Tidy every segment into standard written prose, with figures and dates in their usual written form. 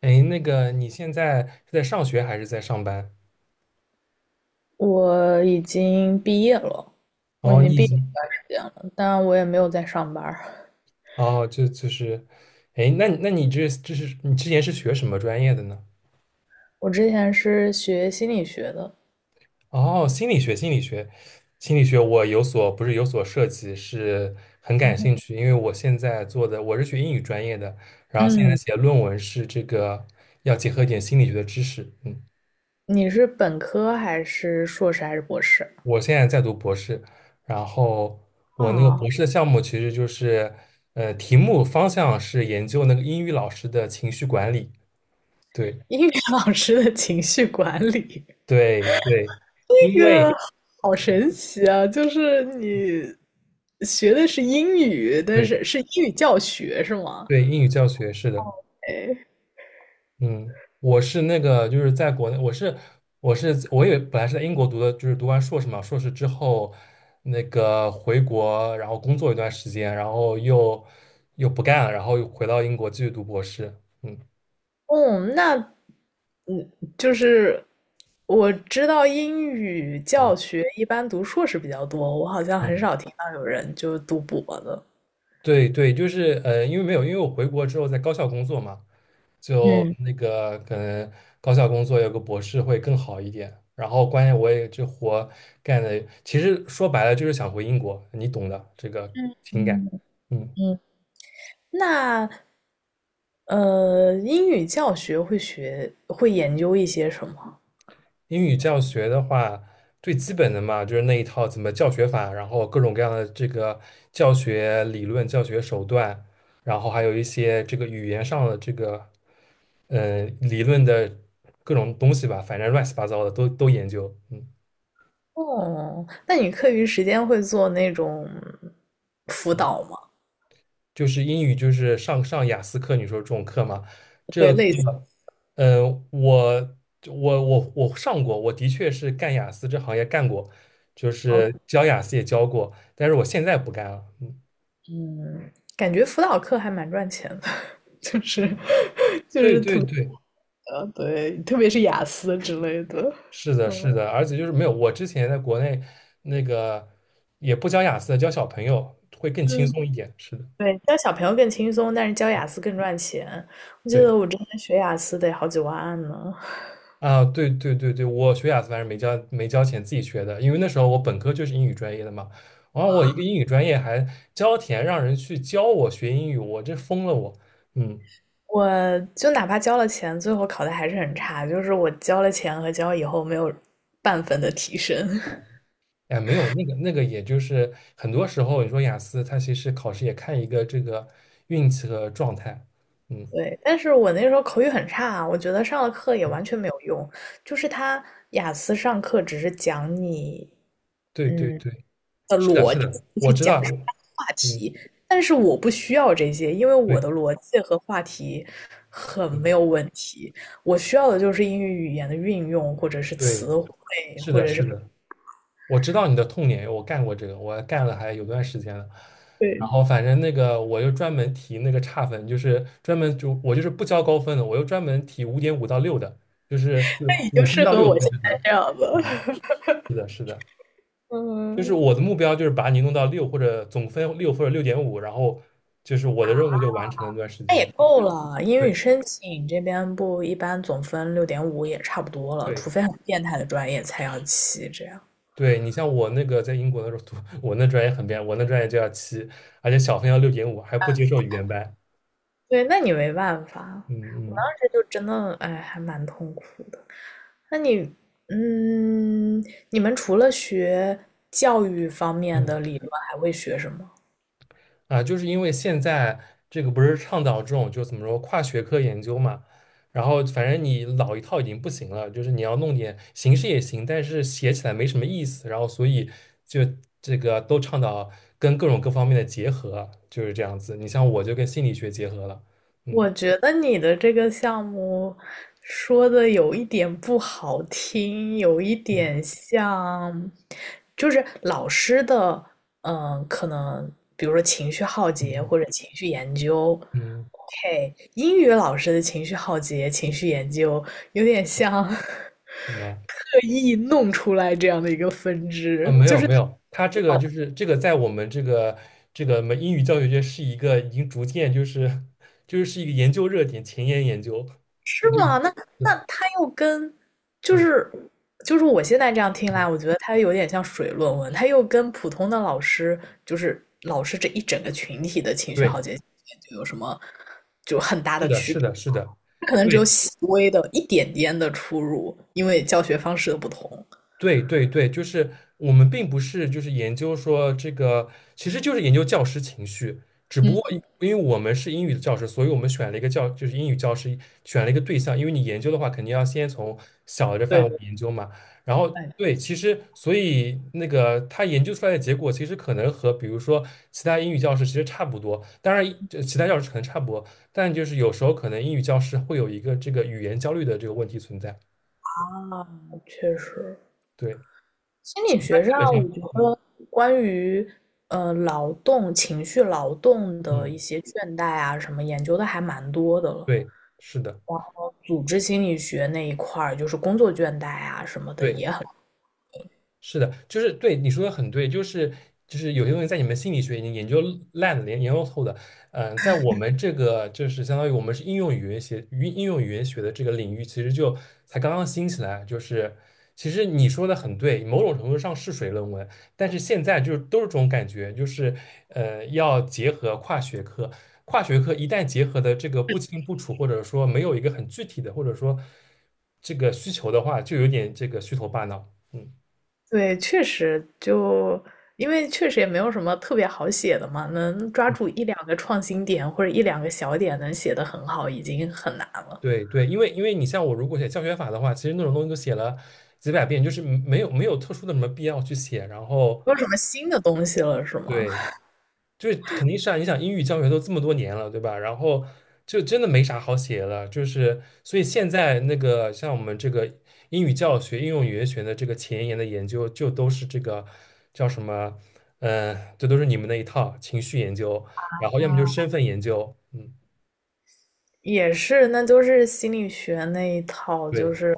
哎，你现在是在上学还是在上班？我已经毕业了，我已哦，经你已毕业一经，段时间了，但我也没有在上班儿。哦，就是，哎，那你这你之前是学什么专业的呢？我之前是学心理学的。哦，心理学，心理学，心理学，我有所不是有所涉及，是很感兴趣，因为我现在做的我是学英语专业的，然后现在嗯。写论文是这个要结合一点心理学的知识，嗯。你是本科还是硕士还是博士？我现在在读博士，然后我那个啊，博士的项目其实就是，题目方向是研究那个英语老师的情绪管理。对英语老师的情绪管理，对对，因这个为好神奇啊！就是你学的是英语，但对是是英语教学是吗？对英语教学是的，嗯，我是那个就是在国内，我是我也本来是在英国读的，就是读完硕士嘛，硕士之后那个回国，然后工作一段时间，然后又不干了，然后又回到英国继续读博士。嗯哦，那就是我知道英语教嗯学一般读硕士比较多，我好像很嗯。少听到有人就读博的。对对，就是因为没有，因为我回国之后在高校工作嘛，就嗯那个可能高校工作有个博士会更好一点。然后关键我也这活干的，其实说白了就是想回英国，你懂的这个嗯情感。嗯，嗯。嗯。那英语教学会学会研究一些什么？英语教学的话，最基本的嘛，就是那一套怎么教学法，然后各种各样的这个教学理论、教学手段，然后还有一些这个语言上的这个理论的各种东西吧，反正乱七八糟的都研究。嗯，哦，那你课余时间会做那种辅导吗？就是英语就是上雅思课，你说这种课嘛，这对，个课，类似。我上过，我的确是干雅思这行业干过，就哦是教雅思也教过，但是我现在不干了。嗯嗯，感觉辅导课还蛮赚钱的，就是 就对是对对，的，对，特别是雅思之类的，是的，嗯。是的，而且就是没有，我之前在国内那个也不教雅思的，教小朋友会更轻嗯，松一点。是的，对，教小朋友更轻松，但是教雅思更赚钱。我记对得我之前学雅思得好几万呢，啊，对对对对，我学雅思反正没交钱，自己学的，因为那时候我本科就是英语专业的嘛，然后我一个英语专业还交钱让人去教我学英语，我这疯了我，嗯。我就哪怕交了钱，最后考的还是很差，就是我交了钱和交以后没有半分的提升。哎，没有那个，也就是很多时候，你说雅思，它其实考试也看一个这个运气和状态，嗯，对，但是我那时候口语很差，我觉得上了课也嗯完全没有用，就是他雅思上课只是讲你，对对嗯。对。是的，是的，我知道，我嗯，但是我不需要这些，因为我对，的逻辑和话题很没嗯，有问题。我需要的就是英语语言的运用或者是对，词汇，是的，是的，我知道你的痛点，我干过这个，我干了还有段时间了。然对，后反正那个我又专门提那个差分，就是专门就我就是不交高分的，我又专门提五点五到六的，就是那你就五分适到合六我分现这在段。这样子。嗯，是的，是的，就是嗯，我的目标就是把你弄到六或者总分六或者六点五，然后就是我的任务就完成了那段时那间。也够了，英语对申请这边不一般总分六点五也差不多了，对。除非很变态的专业才要七这样。对你像我那个在英国的时候读，我那专业很变，我那专业就要七，而且小分要六点五，还不接受语言班。对，那你没办法，嗯当嗯时就真的哎，还蛮痛苦的。那你，嗯，你们除了学教育方面嗯，的理论，还会学什么？啊，就是因为现在这个不是倡导这种就怎么说跨学科研究嘛，然后反正你老一套已经不行了，就是你要弄点形式也行，但是写起来没什么意思，然后所以就这个都倡导跟各种各方面的结合，就是这样子。你像我就跟心理学结合了，嗯我觉得你的这个项目说的有一点不好听，有一点嗯像，就是老师的，嗯，可能比如说情绪浩劫嗯或者情绪研究嗯，嗯，，OK，英语老师的情绪浩劫、情绪研究有点像 对吧？刻意弄出来这样的一个分啊，支，没就有是。没有，它这个就是这个在我们这个我们英语教学界是一个已经逐渐就是是一个研究热点，前沿研究。对，是这个吗？那那是他又跟就嗯是就是我现在这样听来，嗯，我觉得他有点像水论文，他又跟普通的老师，就是老师这一整个群体的情绪对好节就有什么就很大的区别？他可能只有对，细微的一点点的出入，因为教学方式的不同。对对对，就是我们并不是就是研究说这个，其实就是研究教师情绪，只不过嗯，因为我们是英语的教师，所以我们选了一个教，就是英语教师选了一个对象，因为你研究的话，肯定要先从小的范对围对，研究嘛。然后哎对，其实所以那个他研究出来的结果，其实可能和比如说其他英语教师其实差不多，当然这其他教师可能差不多，但就是有时候可能英语教师会有一个这个语言焦虑的这个问题存在。啊，确实，对，心理他学上，基本上，我觉嗯得关于劳动、情绪劳动的嗯。一些倦怠啊什么研究的还蛮多的了。对，是的，然后组织心理学那一块儿，就是工作倦怠啊什么的对，也很。是的，就是对你说的很对，就是有些东西在你们心理学已经研究烂的、研究透的，在我们这个就是相当于我们是应用语言学、应用语言学的这个领域，其实就才刚刚兴起来。就是其实你说的很对，某种程度上是水论文，但是现在就是都是这种感觉，就是要结合跨学科，跨学科一旦结合的这个不清不楚，或者说没有一个很具体的，或者说这个需求的话，就有点这个虚头巴脑，嗯。对，确实就因为确实也没有什么特别好写的嘛，能抓住一两个创新点或者一两个小点能写得很好，已经很难了。对对，因为你像我，如果写教学法的话，其实那种东西都写了几百遍，就是没有特殊的什么必要去写。然后没有什么新的东西了，是吗？对，就是肯定是啊，你想英语教学都这么多年了，对吧？然后就真的没啥好写的，就是所以现在那个像我们这个英语教学、应用语言学的这个前沿的研究，就都是这个叫什么？这都是你们那一套情绪研究，然后要么就是身份研究，嗯，也是，那就是心理学那一套，就对是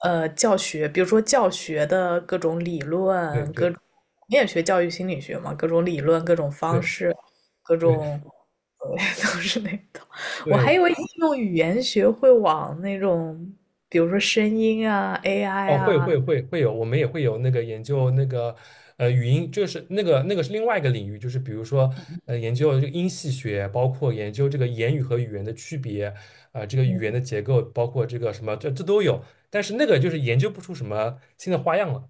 教学，比如说教学的各种理对论，各对种你也学教育心理学嘛，各种理论，各种方对式，各对。种对 都是那一套。我还对以为应用语言学会往那种，比如说声音啊、AI 哦，会啊，会会会有，我们也会有那个研究那个语音，就是那个是另外一个领域，就是比如说研究这个音系学，包括研究这个言语和语言的区别，啊、这个语言嗯的结构，包括这个什么，这都有，但是那个就是研究不出什么新的花样了。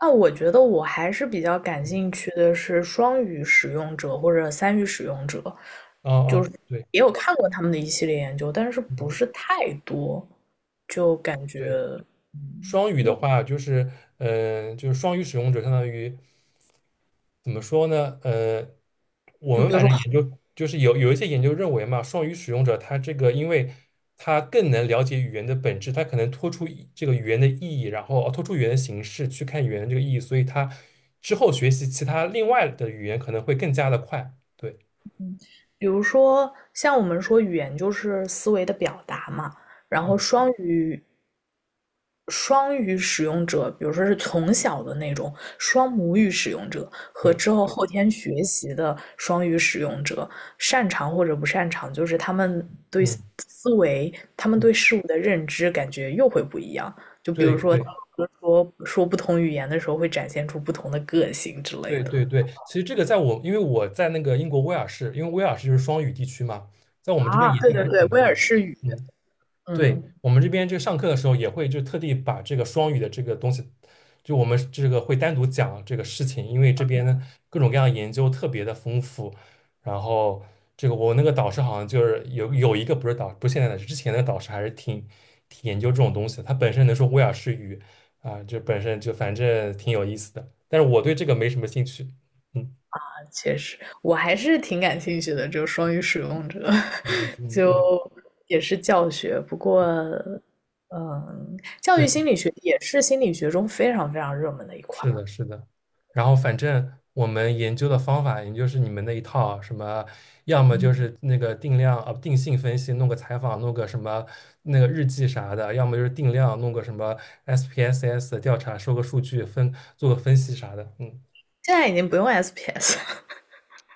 那我觉得我还是比较感兴趣的是双语使用者或者三语使用者，哦就哦，是对，也有看过他们的一系列研究，但是不嗯是太多，就感觉，对，嗯。双语的话，就是，就是双语使用者，相当于怎么说呢？我就们比如反说正研究就是有一些研究认为嘛，双语使用者他这个，因为他更能了解语言的本质，他可能脱出一这个语言的意义，然后哦脱出语言的形式去看语言的这个意义，所以他之后学习其他另外的语言可能会更加的快。对，比如说，像我们说语言就是思维的表达嘛，然嗯，后双语双语使用者，比如说是从小的那种双母语使用者和对，之后后天学习的双语使用者，擅长或者不擅长，就是他们对思嗯。维、他们嗯对事物的认知感觉又会不一样。就比对如说，对说说不同语言的时候，会展现出不同的个性之类对的。对对，其实这个在我，因为我在那个英国威尔士，因为威尔士就是双语地区嘛，在我们这边啊，研对究还对是对，挺威多的。尔士语，嗯。嗯。对，我们这边就上课的时候也会就特地把这个双语的这个东西，就我们这个会单独讲这个事情，因为这边呢各种各样的研究特别的丰富。然后这个我那个导师好像就是有一个不是导，不是现在的，是之前的导师还是挺研究这种东西的他本身能说威尔士语啊，就本身就反正挺有意思的。但是我对这个没什么兴趣。嗯确实，我还是挺感兴趣的，就双语使用者，嗯 嗯，就对对。也是教学。不过，嗯，教育心理学也是心理学中非常非常热门的一块是儿。的，是的。然后反正我们研究的方法，也就是你们那一套，什么要么就是那个定量啊，定性分析，弄个采访，弄个什么那个日记啥的，要么就是定量，弄个什么 SPSS 的调查，收个数据分，做个分析啥的。嗯，现在已经不用 SPS，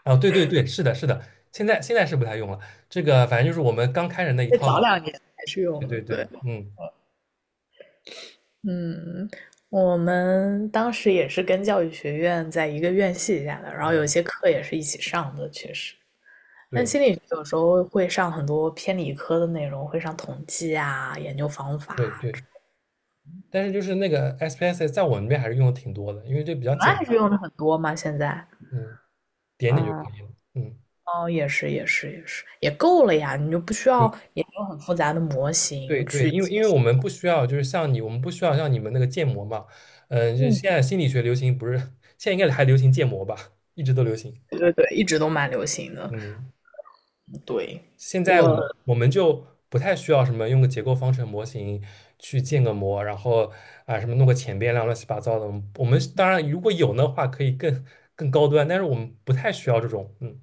啊，对对对，是的，是的。现在是不太用了，这个反正就是我们刚开始那一这 早套。两年还是对用的。对对，对，嗯嗯，我们当时也是跟教育学院在一个院系下的，然后嗯，有些课也是一起上的，确实。但对心理学有时候会上很多偏理科的内容，会上统计啊、研究方法对啊。对。但是就是那个 SPSS 在我们那边还是用的挺多的，因为这比较你们简还单。是用的很多吗？现在？嗯。点点就嗯。可以了。嗯，哦，也是，也是，也是，也够了呀，你就不需对要研究很复杂的模对型对，去。因为我们不需要，就是像你，我们不需要像你们那个建模嘛。嗯，就是嗯，现在心理学流行不是，现在应该还流行建模吧，一直都流行。对对对，一直都蛮流行的。嗯，对，现在我我们就不太需要什么用个结构方程模型去建个模，然后啊什么弄个前变量乱七八糟的。我们当然如果有的话可以更更高端，但是我们不太需要这种。嗯，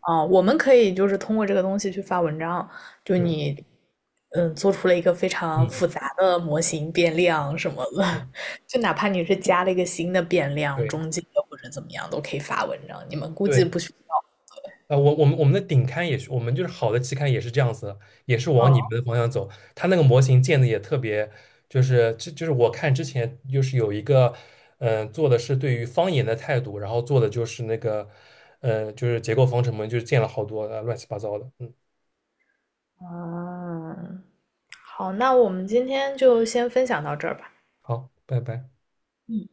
我们可以就是通过这个东西去发文章，就对，你嗯做出了一个非常嗯，复杂的模型变量什么的，对 就哪怕你是加了一个新的变量，对中间的或者怎么样都可以发文章。你们估计对。不需要。啊，我们的顶刊也是，我们就是好的期刊也是这样子的，也是往你们嗯。的方向走。它那个模型建的也特别，就是这就是我看之前就是有一个，做的是对于方言的态度，然后做的就是那个，就是结构方程嘛，就是建了好多乱七八糟的。嗯，嗯。好，那我们今天就先分享到这儿吧。好，拜拜。嗯。